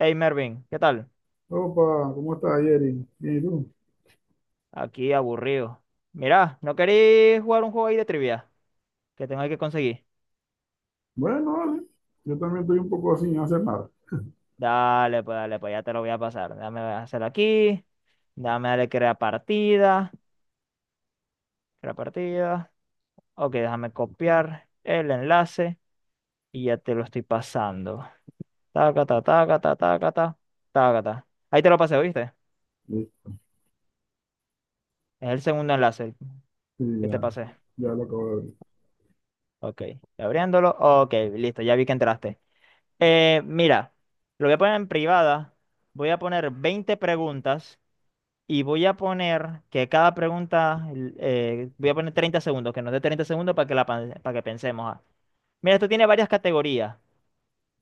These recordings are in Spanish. Hey Mervin, ¿qué tal? Opa, ¿cómo estás, Jerry? Bien, ¿y tú? Aquí aburrido. Mirá, ¿no queréis jugar un juego ahí de trivia? Que tengo ahí que conseguir. Bueno, vale. Yo también estoy un poco sin hacer nada. Dale, pues ya te lo voy a pasar. Dame hacer aquí. Dame darle crear partida. Crear partida. Ok, déjame copiar el enlace y ya te lo estoy pasando. Taca, ta, taca, ta, taca, ta, taca, ta. Ahí te lo pasé, ¿viste? Sí, Es el segundo enlace sí, que te ya, pasé. ya lo acabo de ver. Ok, abriéndolo. Ok, listo, ya vi que entraste. Mira, lo voy a poner en privada, voy a poner 20 preguntas y voy a poner que cada pregunta, voy a poner 30 segundos, que nos dé 30 segundos para que, para que pensemos. Ah. Mira, esto tiene varias categorías,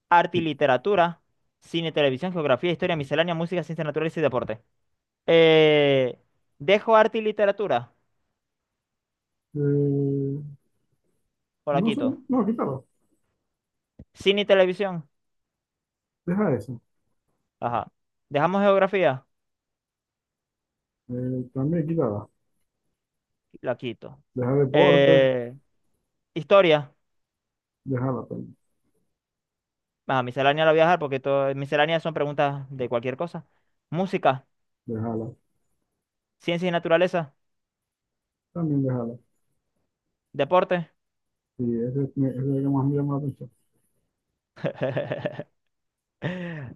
arte y literatura, cine, televisión, geografía, historia, miscelánea, música, ciencias naturales y deporte. Eh, ¿Dejo arte y literatura? Eh, O la no sé, quito. no, quítala. ¿Cine y televisión? Deja eso. Ajá. ¿Dejamos geografía? También quítala. La quito. Deja deporte, Eh, ¿Historia? déjala también. Ah, miscelánea la voy a dejar porque todo, misceláneas son preguntas de cualquier cosa. Música, Déjala, ciencia y naturaleza, también déjala. deporte. Sí, ese es el que más me llama la atención.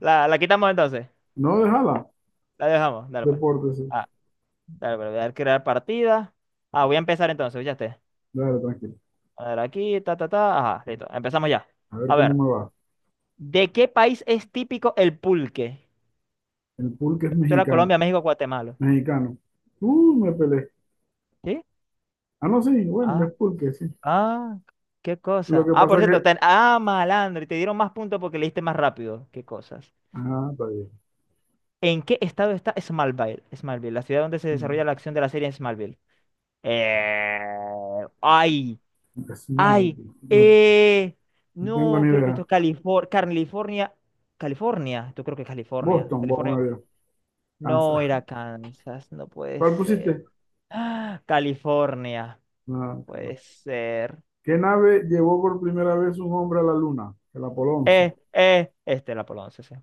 La quitamos entonces. No, déjala. La dejamos. Dale, pues. Deporte, sí. Ah, dale, pues, voy a dar crear partida. Ah, voy a empezar entonces, ya esté. Dale, tranquilo. A ver, aquí, ta, ta, ta. Ajá, listo. Empezamos ya. A ver A cómo ver, me va. ¿de qué país es típico el pulque? El pulque es Solo mexicano. Colombia, México, Guatemala. Mexicano. Me peleé. ¿Sí? Ah, no, sí, bueno, Ah, es pulque, sí. ah, qué Lo cosa. que Ah, por pasa es cierto, que. ten... ah, malandro, y te dieron más puntos porque leíste más rápido. Qué cosas. Ah, está bien. ¿En qué estado está Smallville? Smallville, la ciudad donde se Mm. desarrolla la acción de la serie en Smallville. Eh, ay, ay, Smallville. No eh, no tengo no, ni creo que idea. esto es California, California, California, yo creo que es California, Boston, California, voy a no Kansas. era Kansas, no puede ¿Cuál ser. pusiste? Ah, California, No. puede ser. ¿Qué nave llevó por primera vez un hombre a la luna? El Apolo 11. Este era Apolo 11, sí,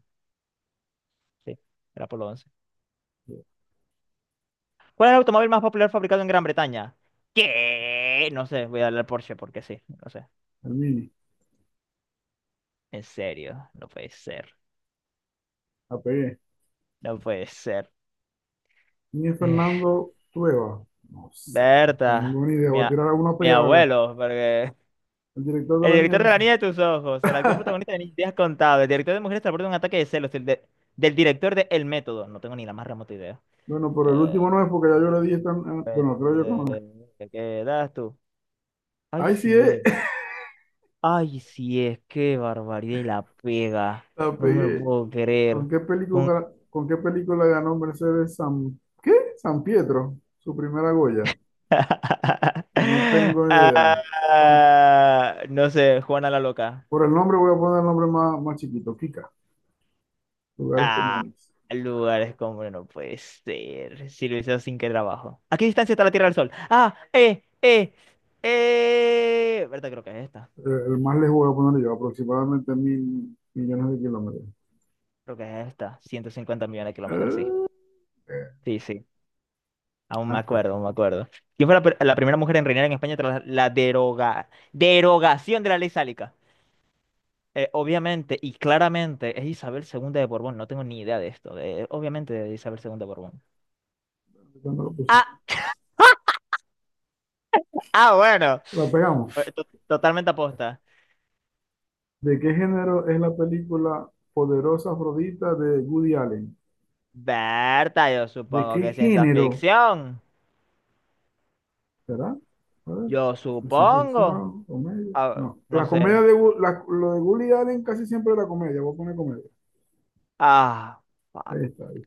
sí, era Apolo 11. ¿Cuál es el automóvil más popular fabricado en Gran Bretaña? ¿Qué? No sé, voy a darle al Porsche porque sí, no sé. El Mini. En serio, no puede ser, La pegué. no puede ser. Ni Eh, Fernando Trueba. No sé. No Berta, tengo ni idea. Voy a tirar a uno a mi pegar a ver. abuelo, porque El director de el la niña, director de pues. La Niña de tus Ojos, el actor protagonista de Ni Días Contados, el director de Mujeres transporta un ataque de celos, del director de El Método, no tengo ni la más remota idea. Bueno, pero el Eh, último no es porque ya yo le di esta. Bueno, creo yo que no es. ¿Te quedas tú? Ay, Ahí sí sí es. es, ay, sí es, qué barbaridad y la pega, La no me lo pegué. puedo ¿Con creer. qué película ganó Mercedes San? ¿Qué? San Pietro. Su primera Goya. No tengo ni idea. Vamos, Ah, no sé, Juana la Loca. por el nombre voy a poner el nombre más chiquito, Kika, lugares Ah, comunes. lugares como no puede ser. Si lo hice sin que trabajo. ¿A qué distancia está la Tierra del Sol? ¿Verdad? Creo que es esta. Más lejos voy a poner yo, aproximadamente 1.000.000.000 de kilómetros. Creo que es esta. 150 millones de kilómetros, sí. Eh, Sí, sí. Aún me Ganaste. acuerdo, aún me acuerdo. ¿Quién fue la, la primera mujer en reinar en España tras la derogación de la ley sálica? Obviamente y claramente es Isabel II de Borbón, no tengo ni idea de esto, obviamente de Isabel II de Borbón. ¿Cuándo lo puse? Ah, ah, bueno, La pegamos. Totalmente aposta. ¿De qué género es la película Poderosa Afrodita de Woody Allen? Berta, yo ¿De supongo que qué es ciencia género? ficción, ¿Será? A ver, yo ¿ciencia supongo. ficción? ¿Comedia? Ah, No. no La comedia sé, de, lo de Woody Allen casi siempre era comedia. Voy a poner comedia. ah, fuck. Ahí está, ahí.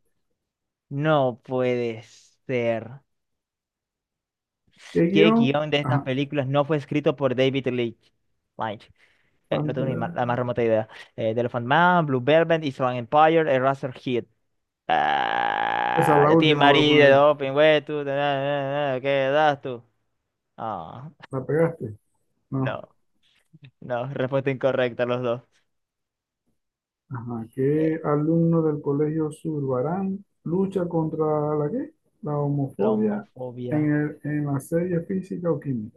No puede ser. ¿Qué ¿Qué guión? guión de estas Ajá. películas no fue escrito por David Leitch? Leitch. No tengo ni ma- Pantera. la más remota idea. The Elephant Man, Blue Velvet, Island Empire, Eraserhead. Esa es Ah, la yo te última, voy a poner. marido, open, güey, tú, na, na, na, ¿qué das tú? Ah, ¿La pegaste? no, No. no, respuesta incorrecta los dos. Ajá. Eh, ¿Qué alumno del Colegio Zurbarán lucha contra la qué? La la homofobia homofobia. En la serie física o química.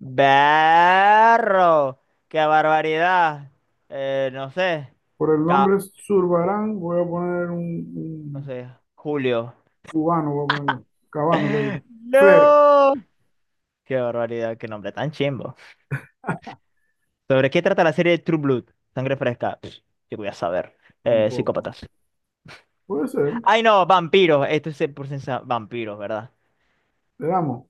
Berro, qué barbaridad. No sé, Por el ca- nombre Zurbarán voy a poner no un sé, Julio. cubano, voy a poner yo. Cabano, que digo. Fer, No, qué barbaridad, qué nombre tan chimbo. ¿Sobre qué trata la serie True Blood? Sangre fresca. Pff, yo voy a saber. Tampoco. Psícopatas. Puede ser, Ay, no, vampiros. Esto es vampiros, ¿verdad? le damos.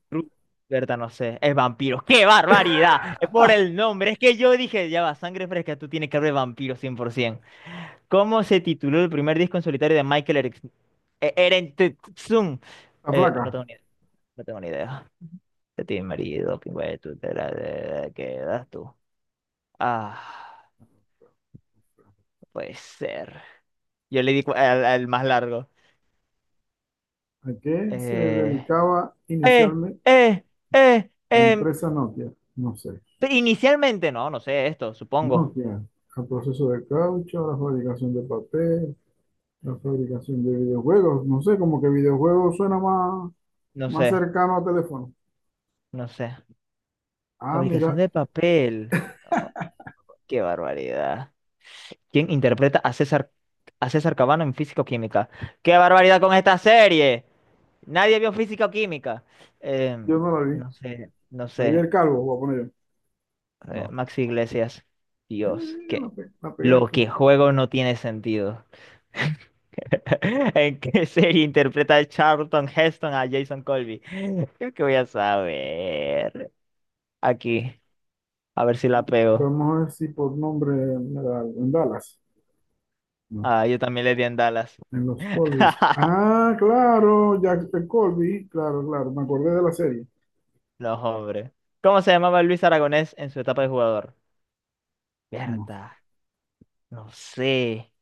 Berta, no sé, es vampiro. ¡Qué barbaridad! Es por el nombre. Es que yo dije, ya va, sangre fresca, tú tienes que hablar de vampiro 100%. ¿Cómo se tituló el primer disco en solitario de Michael Eric? Erentetsun? La flaca. No tengo ni idea. No tengo ni idea. De ti, marido, pingüe, tú te la de- quedas tú. Ah, puede ser. Yo le di al más largo. ¿A qué se Eh, dedicaba eh, inicialmente eh, eh, la em, empresa Nokia? No sé. Inicialmente, no, no sé esto, supongo. Nokia, al proceso de caucho, a la fabricación de papel, la fabricación de videojuegos. No sé, como que videojuegos suena No más sé, cercano a teléfono. no sé. Ah, Fabricación mira, de papel. Oh, qué barbaridad. ¿Quién interpreta a César Cabano en Físico Química? ¡Qué barbaridad con esta serie! Nadie vio Físico Química. yo Em, no la vi. no sé, no Había sé. el calvo, voy a poner yo. No. Maxi Iglesias. Eh, Dios, la, que la lo pegaste. que juego no tiene sentido. ¿En qué serie interpreta Charlton Heston a Jason Colby? Creo que voy a saber. Aquí, a ver si la pego. Vamos a ver si por nombre en Dallas. No. Ah, yo también le di en Dallas. En los Colbys. Ah, claro, Jack el Colby. Claro, claro. Me acordé de la serie. Los hombres. ¿Cómo se llamaba Luis Aragonés en su etapa de jugador? No sé. Berta, no sé.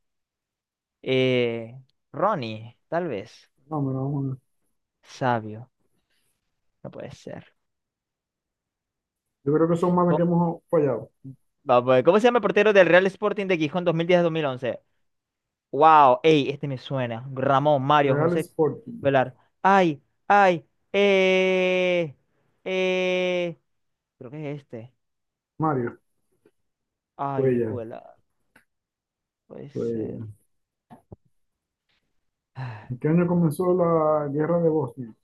Eh, Ronnie, tal vez. No, me la vamos a ver. Sabio, no puede ser. Yo creo que son más las que Co- hemos fallado. Vamos a ver, ¿cómo se llama el portero del Real Sporting de Gijón 2010-2011? Wow, ey, este me suena. Ramón, Mario, Real José Sporting. Velar. Ay, ay, eh, eh. Creo que es este. Mario. Ay, Cuellar. escuela, puede Fue ser. ella. ¿En qué año comenzó la guerra de Bosnia?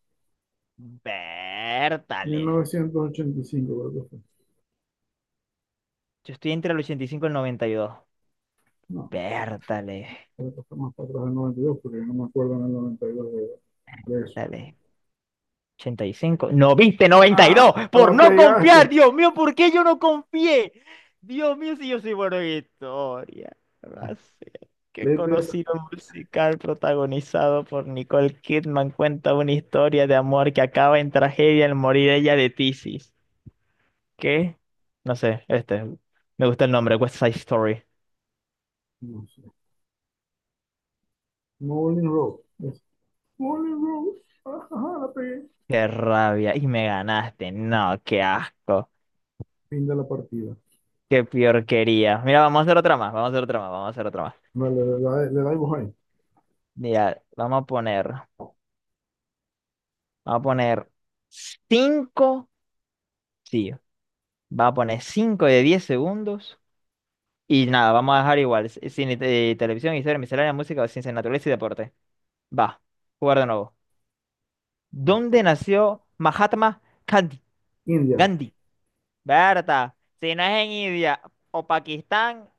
Vértale. 1985, creo que fue. Yo estoy entre el 85 y cinco y el 92. No, Vértale. creo que fue más para atrás del 92, porque no me acuerdo en el 92 de eso. Vértale. 85 no viste 92 Ah, la por no pegaste. confiar. Dios mío, ¿por qué yo no confié? Dios mío, si yo soy bueno en historia. No sé. Qué Letra esa. conocido musical protagonizado por Nicole Kidman cuenta una historia de amor que acaba en tragedia al morir ella de tisis. ¿Qué? No sé, este. Me gusta el nombre, West Side Story. No sé. Moulin Road. Es Moulin Road. Ajá, la pegué. Qué rabia. Y me ganaste. No, qué asco. Fin de la partida. Qué porquería. Mira, vamos a hacer otra más. Vamos a hacer otra más. Vamos a hacer otra más. Vale, le damos ahí. Mira, vamos a poner. Vamos a poner 5, sí, vamos a poner 5 de 10 segundos. Y nada, vamos a dejar igual. Cine, televisión, historia, miscelánea, música, ciencia, naturaleza y deporte. Va, jugar de nuevo. ¿Dónde nació Mahatma Gandhi? India. Gandhi. Berta, si no es en India o Pakistán,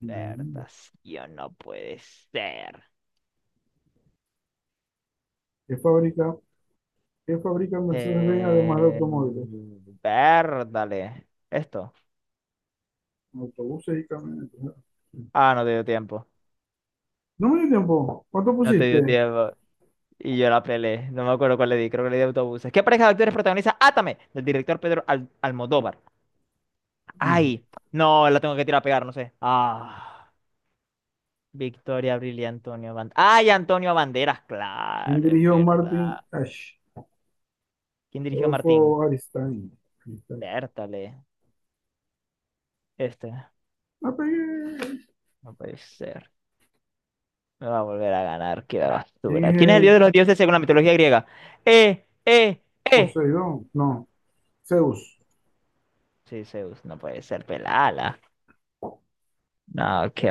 La India. Vertación, no puede ser. ¿Qué fabrica, qué fabrica Mercedes-Benz además de automóviles? Verdale. Esto. Autobuses y camionetas. Ah, no te dio tiempo. No me dio tiempo. ¿Cuánto No te dio pusiste? tiempo. Y yo la pelé. No me acuerdo cuál le di. Creo que le di autobuses. ¿Qué pareja de actores protagoniza Átame? Del director Almodóvar. No. Ay, no, la tengo que tirar a pegar, no sé. Ah, Victoria Abril y Antonio Banderas. Ay, Antonio Banderas, ¿Quién claro, es dirigió Martin verdad. Ash? ¿Quién dirigió Adolfo Martín? Aristain. Aristain. Vértale. Este. La pegué. No puede ser. Me va a volver a ganar, qué ¿Quién basura. es ¿Quién es el dios de los el dioses según la mitología griega? Eh, eh, eh. Poseidón? No, Zeus. Sí, Zeus, no puede ser pelala. No, qué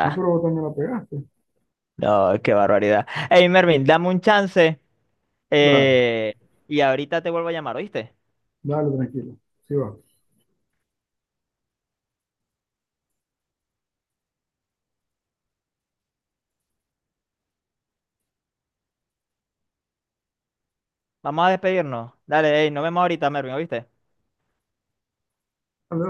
Ah, pero vos también la pegaste. No, qué barbaridad. Hey, Mervin, dame un chance. Dale, eh, y ahorita te vuelvo a llamar, ¿oíste? dale, tranquilo. Sí va. Vamos a despedirnos. Dale, hey, nos vemos ahorita, Mervin, ¿oíste? Dale,